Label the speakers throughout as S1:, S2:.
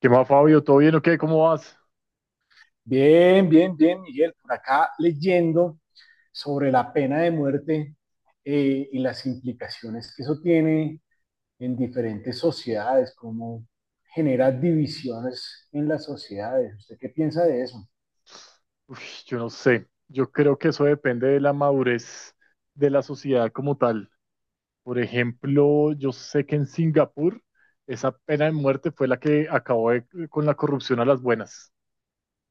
S1: ¿Qué más, Fabio? ¿Todo bien o qué? ¿Cómo vas?
S2: Bien, bien, bien, Miguel. Por acá leyendo sobre la pena de muerte y las implicaciones que eso tiene en diferentes sociedades, cómo genera divisiones en las sociedades. ¿Usted qué piensa de eso?
S1: Uf, yo no sé. Yo creo que eso depende de la madurez de la sociedad como tal. Por ejemplo, yo sé que en Singapur esa pena de muerte fue la que con la corrupción a las buenas.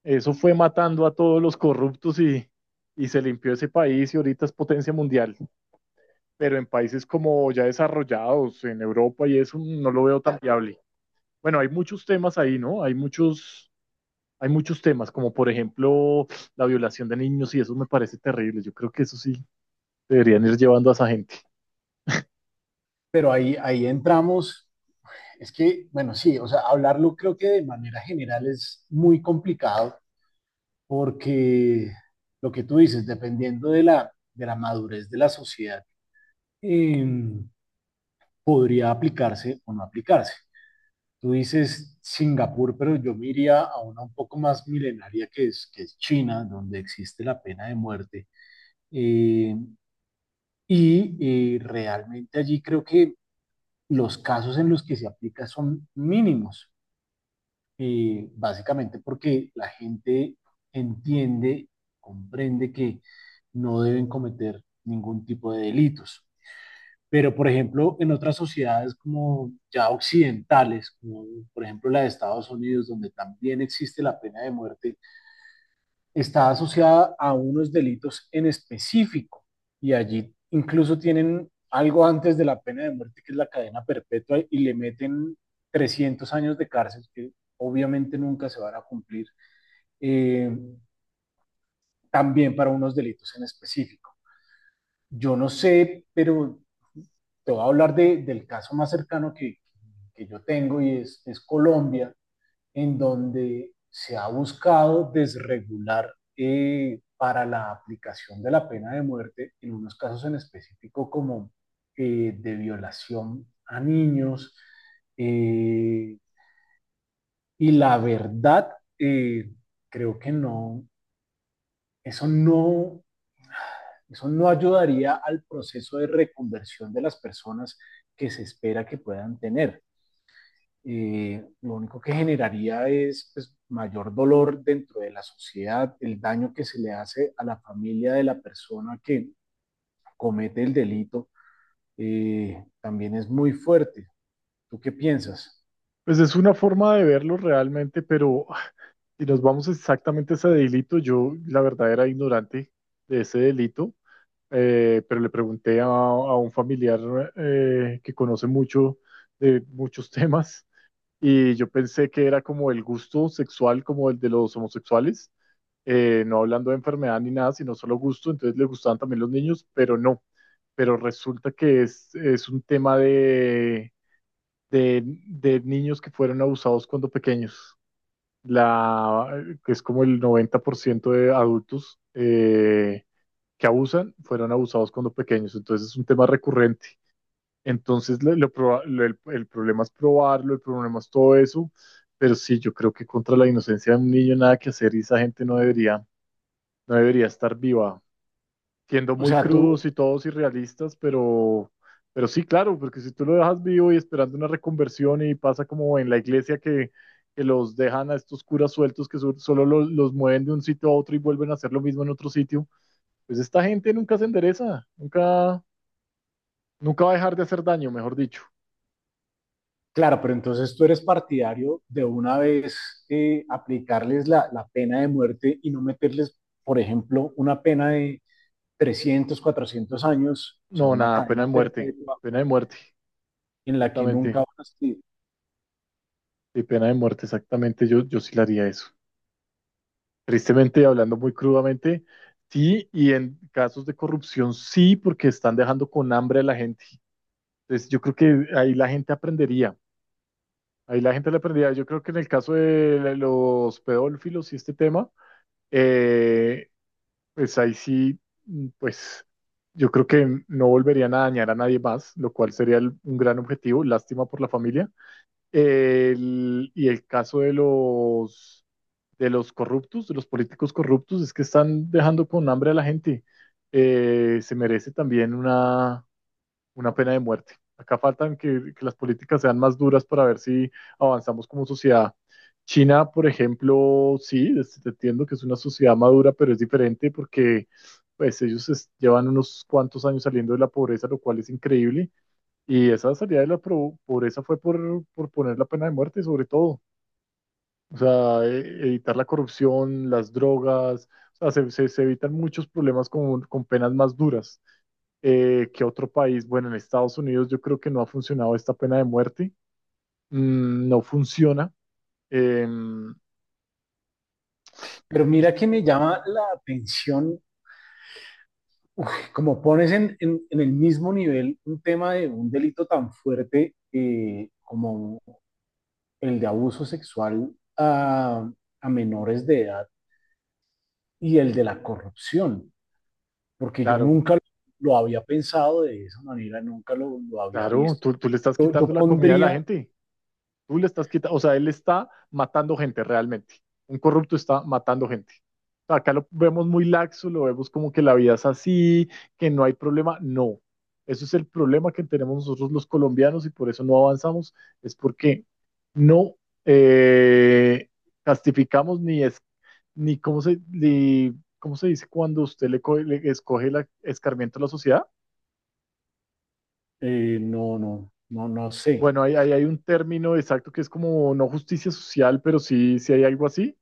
S1: Eso fue matando a todos los corruptos y se limpió ese país y ahorita es potencia mundial. Pero en países como ya desarrollados, en Europa y eso, no lo veo tan viable. Bueno, hay muchos temas ahí, ¿no? Hay muchos temas, como por ejemplo la violación de niños, y eso me parece terrible. Yo creo que eso sí deberían ir llevando a esa gente.
S2: Pero ahí entramos, es que, bueno, sí, o sea, hablarlo creo que de manera general es muy complicado porque lo que tú dices, dependiendo de la madurez de la sociedad, em, podría aplicarse o no aplicarse. Tú dices Singapur, pero yo me iría a una un poco más milenaria que es China, donde existe la pena de muerte. Eh, realmente allí creo que los casos en los que se aplica son mínimos, básicamente porque la gente entiende, comprende que no deben cometer ningún tipo de delitos. Pero, por ejemplo, en otras sociedades como ya occidentales, como por ejemplo la de Estados Unidos, donde también existe la pena de muerte, está asociada a unos delitos en específico. Y allí incluso tienen algo antes de la pena de muerte, que es la cadena perpetua, y le meten 300 años de cárcel, que obviamente nunca se van a cumplir, eh, también para unos delitos en específico. Yo no sé, pero te voy a hablar del caso más cercano que yo tengo y es Colombia, en donde se ha buscado desregular para la aplicación de la pena de muerte, en unos casos en específico como de violación a niños. Eh, y la verdad, eh, creo que no, eso no, eso no ayudaría al proceso de reconversión de las personas que se espera que puedan tener. Lo único que generaría es pues, mayor dolor dentro de la sociedad, el daño que se le hace a la familia de la persona que comete el delito, también es muy fuerte. ¿Tú qué piensas?
S1: Pues es una forma de verlo realmente, pero si nos vamos exactamente a ese delito, yo la verdad era ignorante de ese delito, pero le pregunté a un familiar que conoce mucho de muchos temas y yo pensé que era como el gusto sexual como el de los homosexuales, no hablando de enfermedad ni nada, sino solo gusto, entonces le gustaban también los niños, pero no, pero resulta que es un tema de niños que fueron abusados cuando pequeños, la, que es como el 90% de adultos que abusan fueron abusados cuando pequeños, entonces es un tema recurrente. Entonces, lo proba- lo- el problema es probarlo, el problema es todo eso, pero sí, yo creo que contra la inocencia de un niño nada que hacer y esa gente no debería estar viva. Siendo
S2: O
S1: muy
S2: sea,
S1: crudos
S2: tú,
S1: y todos irrealistas, pero sí, claro, porque si tú lo dejas vivo y esperando una reconversión y pasa como en la iglesia que los dejan a estos curas sueltos que solo los mueven de un sitio a otro y vuelven a hacer lo mismo en otro sitio, pues esta gente nunca se endereza, nunca, nunca va a dejar de hacer daño, mejor dicho.
S2: claro, pero entonces tú eres partidario de una vez aplicarles la pena de muerte y no meterles, por ejemplo, una pena de 300, 400 años, o sea,
S1: No,
S2: una
S1: nada,
S2: cadena perpetua
S1: pena de muerte,
S2: en la que nunca
S1: exactamente.
S2: van a salir.
S1: Sí, pena de muerte, exactamente, yo sí le haría eso. Tristemente, hablando muy crudamente, sí, y en casos de corrupción sí, porque están dejando con hambre a la gente. Entonces, yo creo que ahí la gente aprendería, ahí la gente le aprendería. Yo creo que en el caso de los pedófilos y este tema, eh, pues ahí sí, mm, pues yo creo que no volverían a dañar a nadie más, lo cual sería un gran objetivo, lástima por la familia. Y el caso de los corruptos, de los políticos corruptos, es que están dejando con hambre a la gente. Se merece también una pena de muerte. Acá faltan que las políticas sean más duras para ver si avanzamos como sociedad. China, por ejemplo, sí, entiendo que es una sociedad madura, pero es diferente porque pues ellos llevan unos cuantos años saliendo de la pobreza, lo cual es increíble. Y esa salida de la pobreza fue por poner la pena de muerte, sobre todo. O sea, evitar la corrupción, las drogas, o sea, se evitan muchos problemas con penas más duras que otro país. Bueno, en Estados Unidos yo creo que no ha funcionado esta pena de muerte. Mm, no funciona. Em,
S2: Pero
S1: y
S2: mira que me llama la atención, uf, como pones en el mismo nivel un tema de un delito tan fuerte como el de abuso sexual a, a menores de edad y el de la corrupción, porque yo
S1: claro,
S2: nunca lo había pensado de esa manera, nunca lo, lo había
S1: claro,
S2: visto.
S1: tú le estás
S2: Yo,
S1: quitando
S2: yo
S1: la comida a la
S2: pondría,
S1: gente. Tú le estás quitando, o sea, él está matando gente realmente. Un corrupto está matando gente. O sea, acá lo vemos muy laxo, lo vemos como que la vida es así, que no hay problema. No, eso es el problema que tenemos nosotros los colombianos y por eso no avanzamos, es porque no eh, castificamos ni es, ni cómo se, ni, ¿cómo se dice cuando usted le, le escoge el escarmiento a la sociedad?
S2: no sé,
S1: Bueno, ahí, ahí hay un término exacto que es como no justicia social, pero sí, sí hay algo así.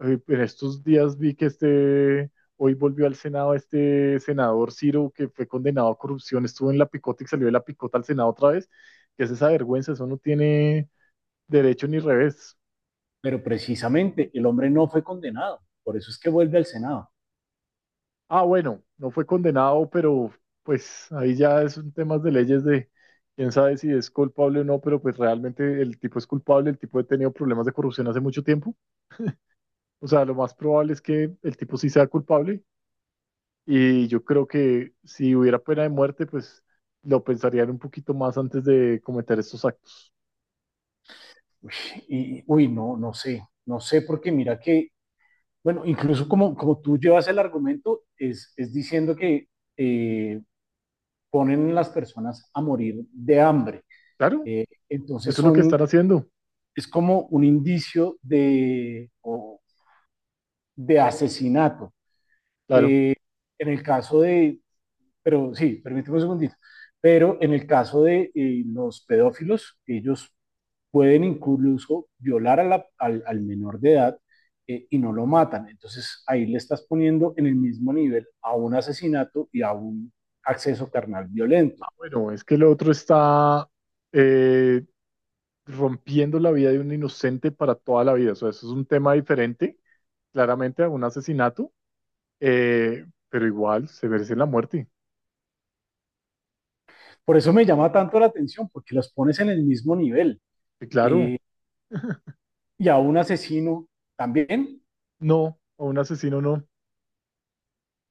S1: En estos días vi que este, hoy volvió al Senado este senador Ciro, que fue condenado a corrupción, estuvo en la picota y salió de la picota al Senado otra vez. Que es esa vergüenza? Eso no tiene derecho ni revés.
S2: pero precisamente el hombre no fue condenado, por eso es que vuelve al Senado.
S1: Ah, bueno, no fue condenado, pero pues ahí ya es un tema de leyes de quién sabe si es culpable o no, pero pues realmente el tipo es culpable, el tipo ha tenido problemas de corrupción hace mucho tiempo. O sea, lo más probable es que el tipo sí sea culpable. Y yo creo que si hubiera pena de muerte, pues lo pensarían un poquito más antes de cometer estos actos.
S2: Uy, no sé, no sé, porque mira que, bueno, incluso como, como tú llevas el argumento, es diciendo que eh, ponen las personas a morir de hambre.
S1: Claro,
S2: Entonces
S1: eso es lo que están haciendo.
S2: es como un indicio de, o- de asesinato.
S1: Claro.
S2: Eh, en el caso de, pero sí, permíteme un segundito. Pero en el caso de los pedófilos, ellos pueden incluso violar a la- al menor de edad y no lo matan. Entonces ahí le estás poniendo en el mismo nivel a un asesinato y a un acceso carnal violento.
S1: Ah, bueno, es que el otro está eh, rompiendo la vida de un inocente para toda la vida. O sea, eso es un tema diferente, claramente, a un asesinato, pero igual se merece la muerte.
S2: Por eso me llama tanto la atención, porque los pones en el mismo nivel
S1: Y claro,
S2: y a un asesino también,
S1: no, a un asesino no.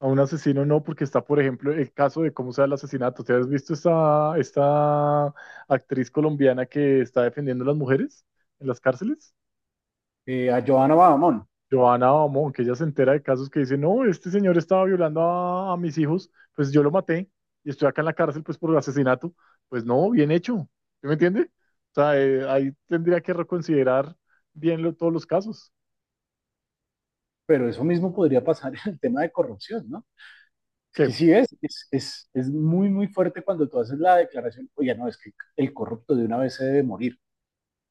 S1: A un asesino no, porque está, por ejemplo, el caso de cómo se da el asesinato. ¿Te has visto esta actriz colombiana que está defendiendo a las mujeres en las cárceles?
S2: a Johanna Badamón.
S1: Joana Bamón, que ella se entera de casos que dice, no, este señor estaba violando a mis hijos, pues yo lo maté y estoy acá en la cárcel pues por asesinato. Pues no, bien hecho. ¿Sí me entiende? O sea, ahí tendría que reconsiderar bien todos los casos.
S2: Pero eso mismo podría pasar en el tema de corrupción, ¿no? Es que
S1: Que
S2: sí, es muy, muy fuerte cuando tú haces la declaración, oye, no, es que el corrupto de una vez se debe morir,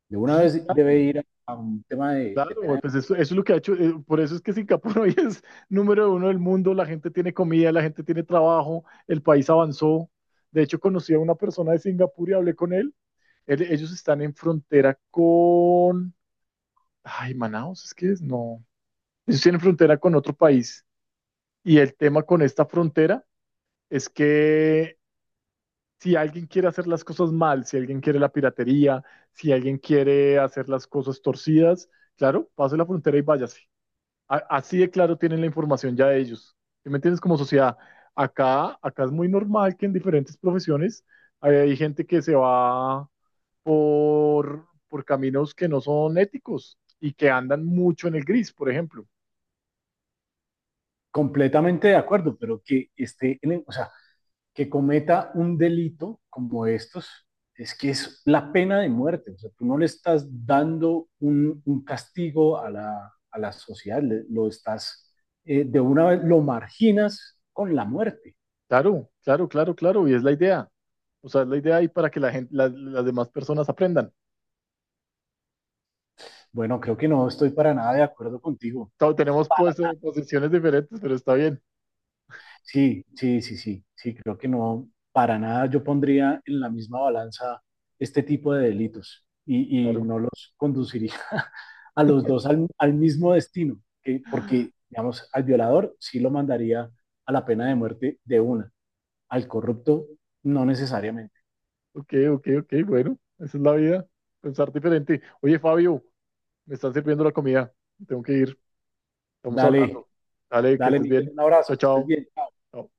S2: de una
S1: sí,
S2: vez debe
S1: claro.
S2: ir a un tema de
S1: Claro, güey,
S2: pena.
S1: pues eso es lo que ha hecho, por eso es que Singapur hoy es número uno del mundo, la gente tiene comida, la gente tiene trabajo, el país avanzó. De hecho, conocí a una persona de Singapur y hablé con él. Ellos están en frontera con... Ay, Manaus, es que es, no. Ellos tienen frontera con otro país. Y el tema con esta frontera es que si alguien quiere hacer las cosas mal, si alguien quiere la piratería, si alguien quiere hacer las cosas torcidas, claro, pase la frontera y váyase. Así de claro tienen la información ya ellos. ¿Sí me entiendes? Como sociedad, acá es muy normal que en diferentes profesiones hay gente que se va por caminos que no son éticos y que andan mucho en el gris, por ejemplo.
S2: Completamente de acuerdo, pero que esté, en el- o sea, que cometa un delito como estos, es que es la pena de muerte, o sea, tú no le estás dando un castigo a a la sociedad, le- lo estás, de una vez lo marginas con la muerte.
S1: Claro, claro, claro, claro, y es la idea. O sea, es la idea ahí para que la gente, las demás personas aprendan.
S2: Bueno, creo que no estoy para nada de acuerdo contigo.
S1: Todos tenemos pues, posiciones diferentes, pero está bien.
S2: Sí, creo que no, para nada yo pondría en la misma balanza este tipo de delitos y
S1: Claro.
S2: no los conduciría a los dos al, al mismo destino, que- porque, digamos, al violador sí lo mandaría a la pena de muerte de una, al corrupto no necesariamente.
S1: Ok, ok, ok, bueno, esa es la vida, pensar diferente. Oye, Fabio. Me están sirviendo la comida. Tengo que ir. Estamos
S2: Dale,
S1: hablando. Dale, que
S2: dale,
S1: estés
S2: Miguel,
S1: bien.
S2: un abrazo,
S1: Chao,
S2: que estés
S1: chao.
S2: bien.
S1: Chao.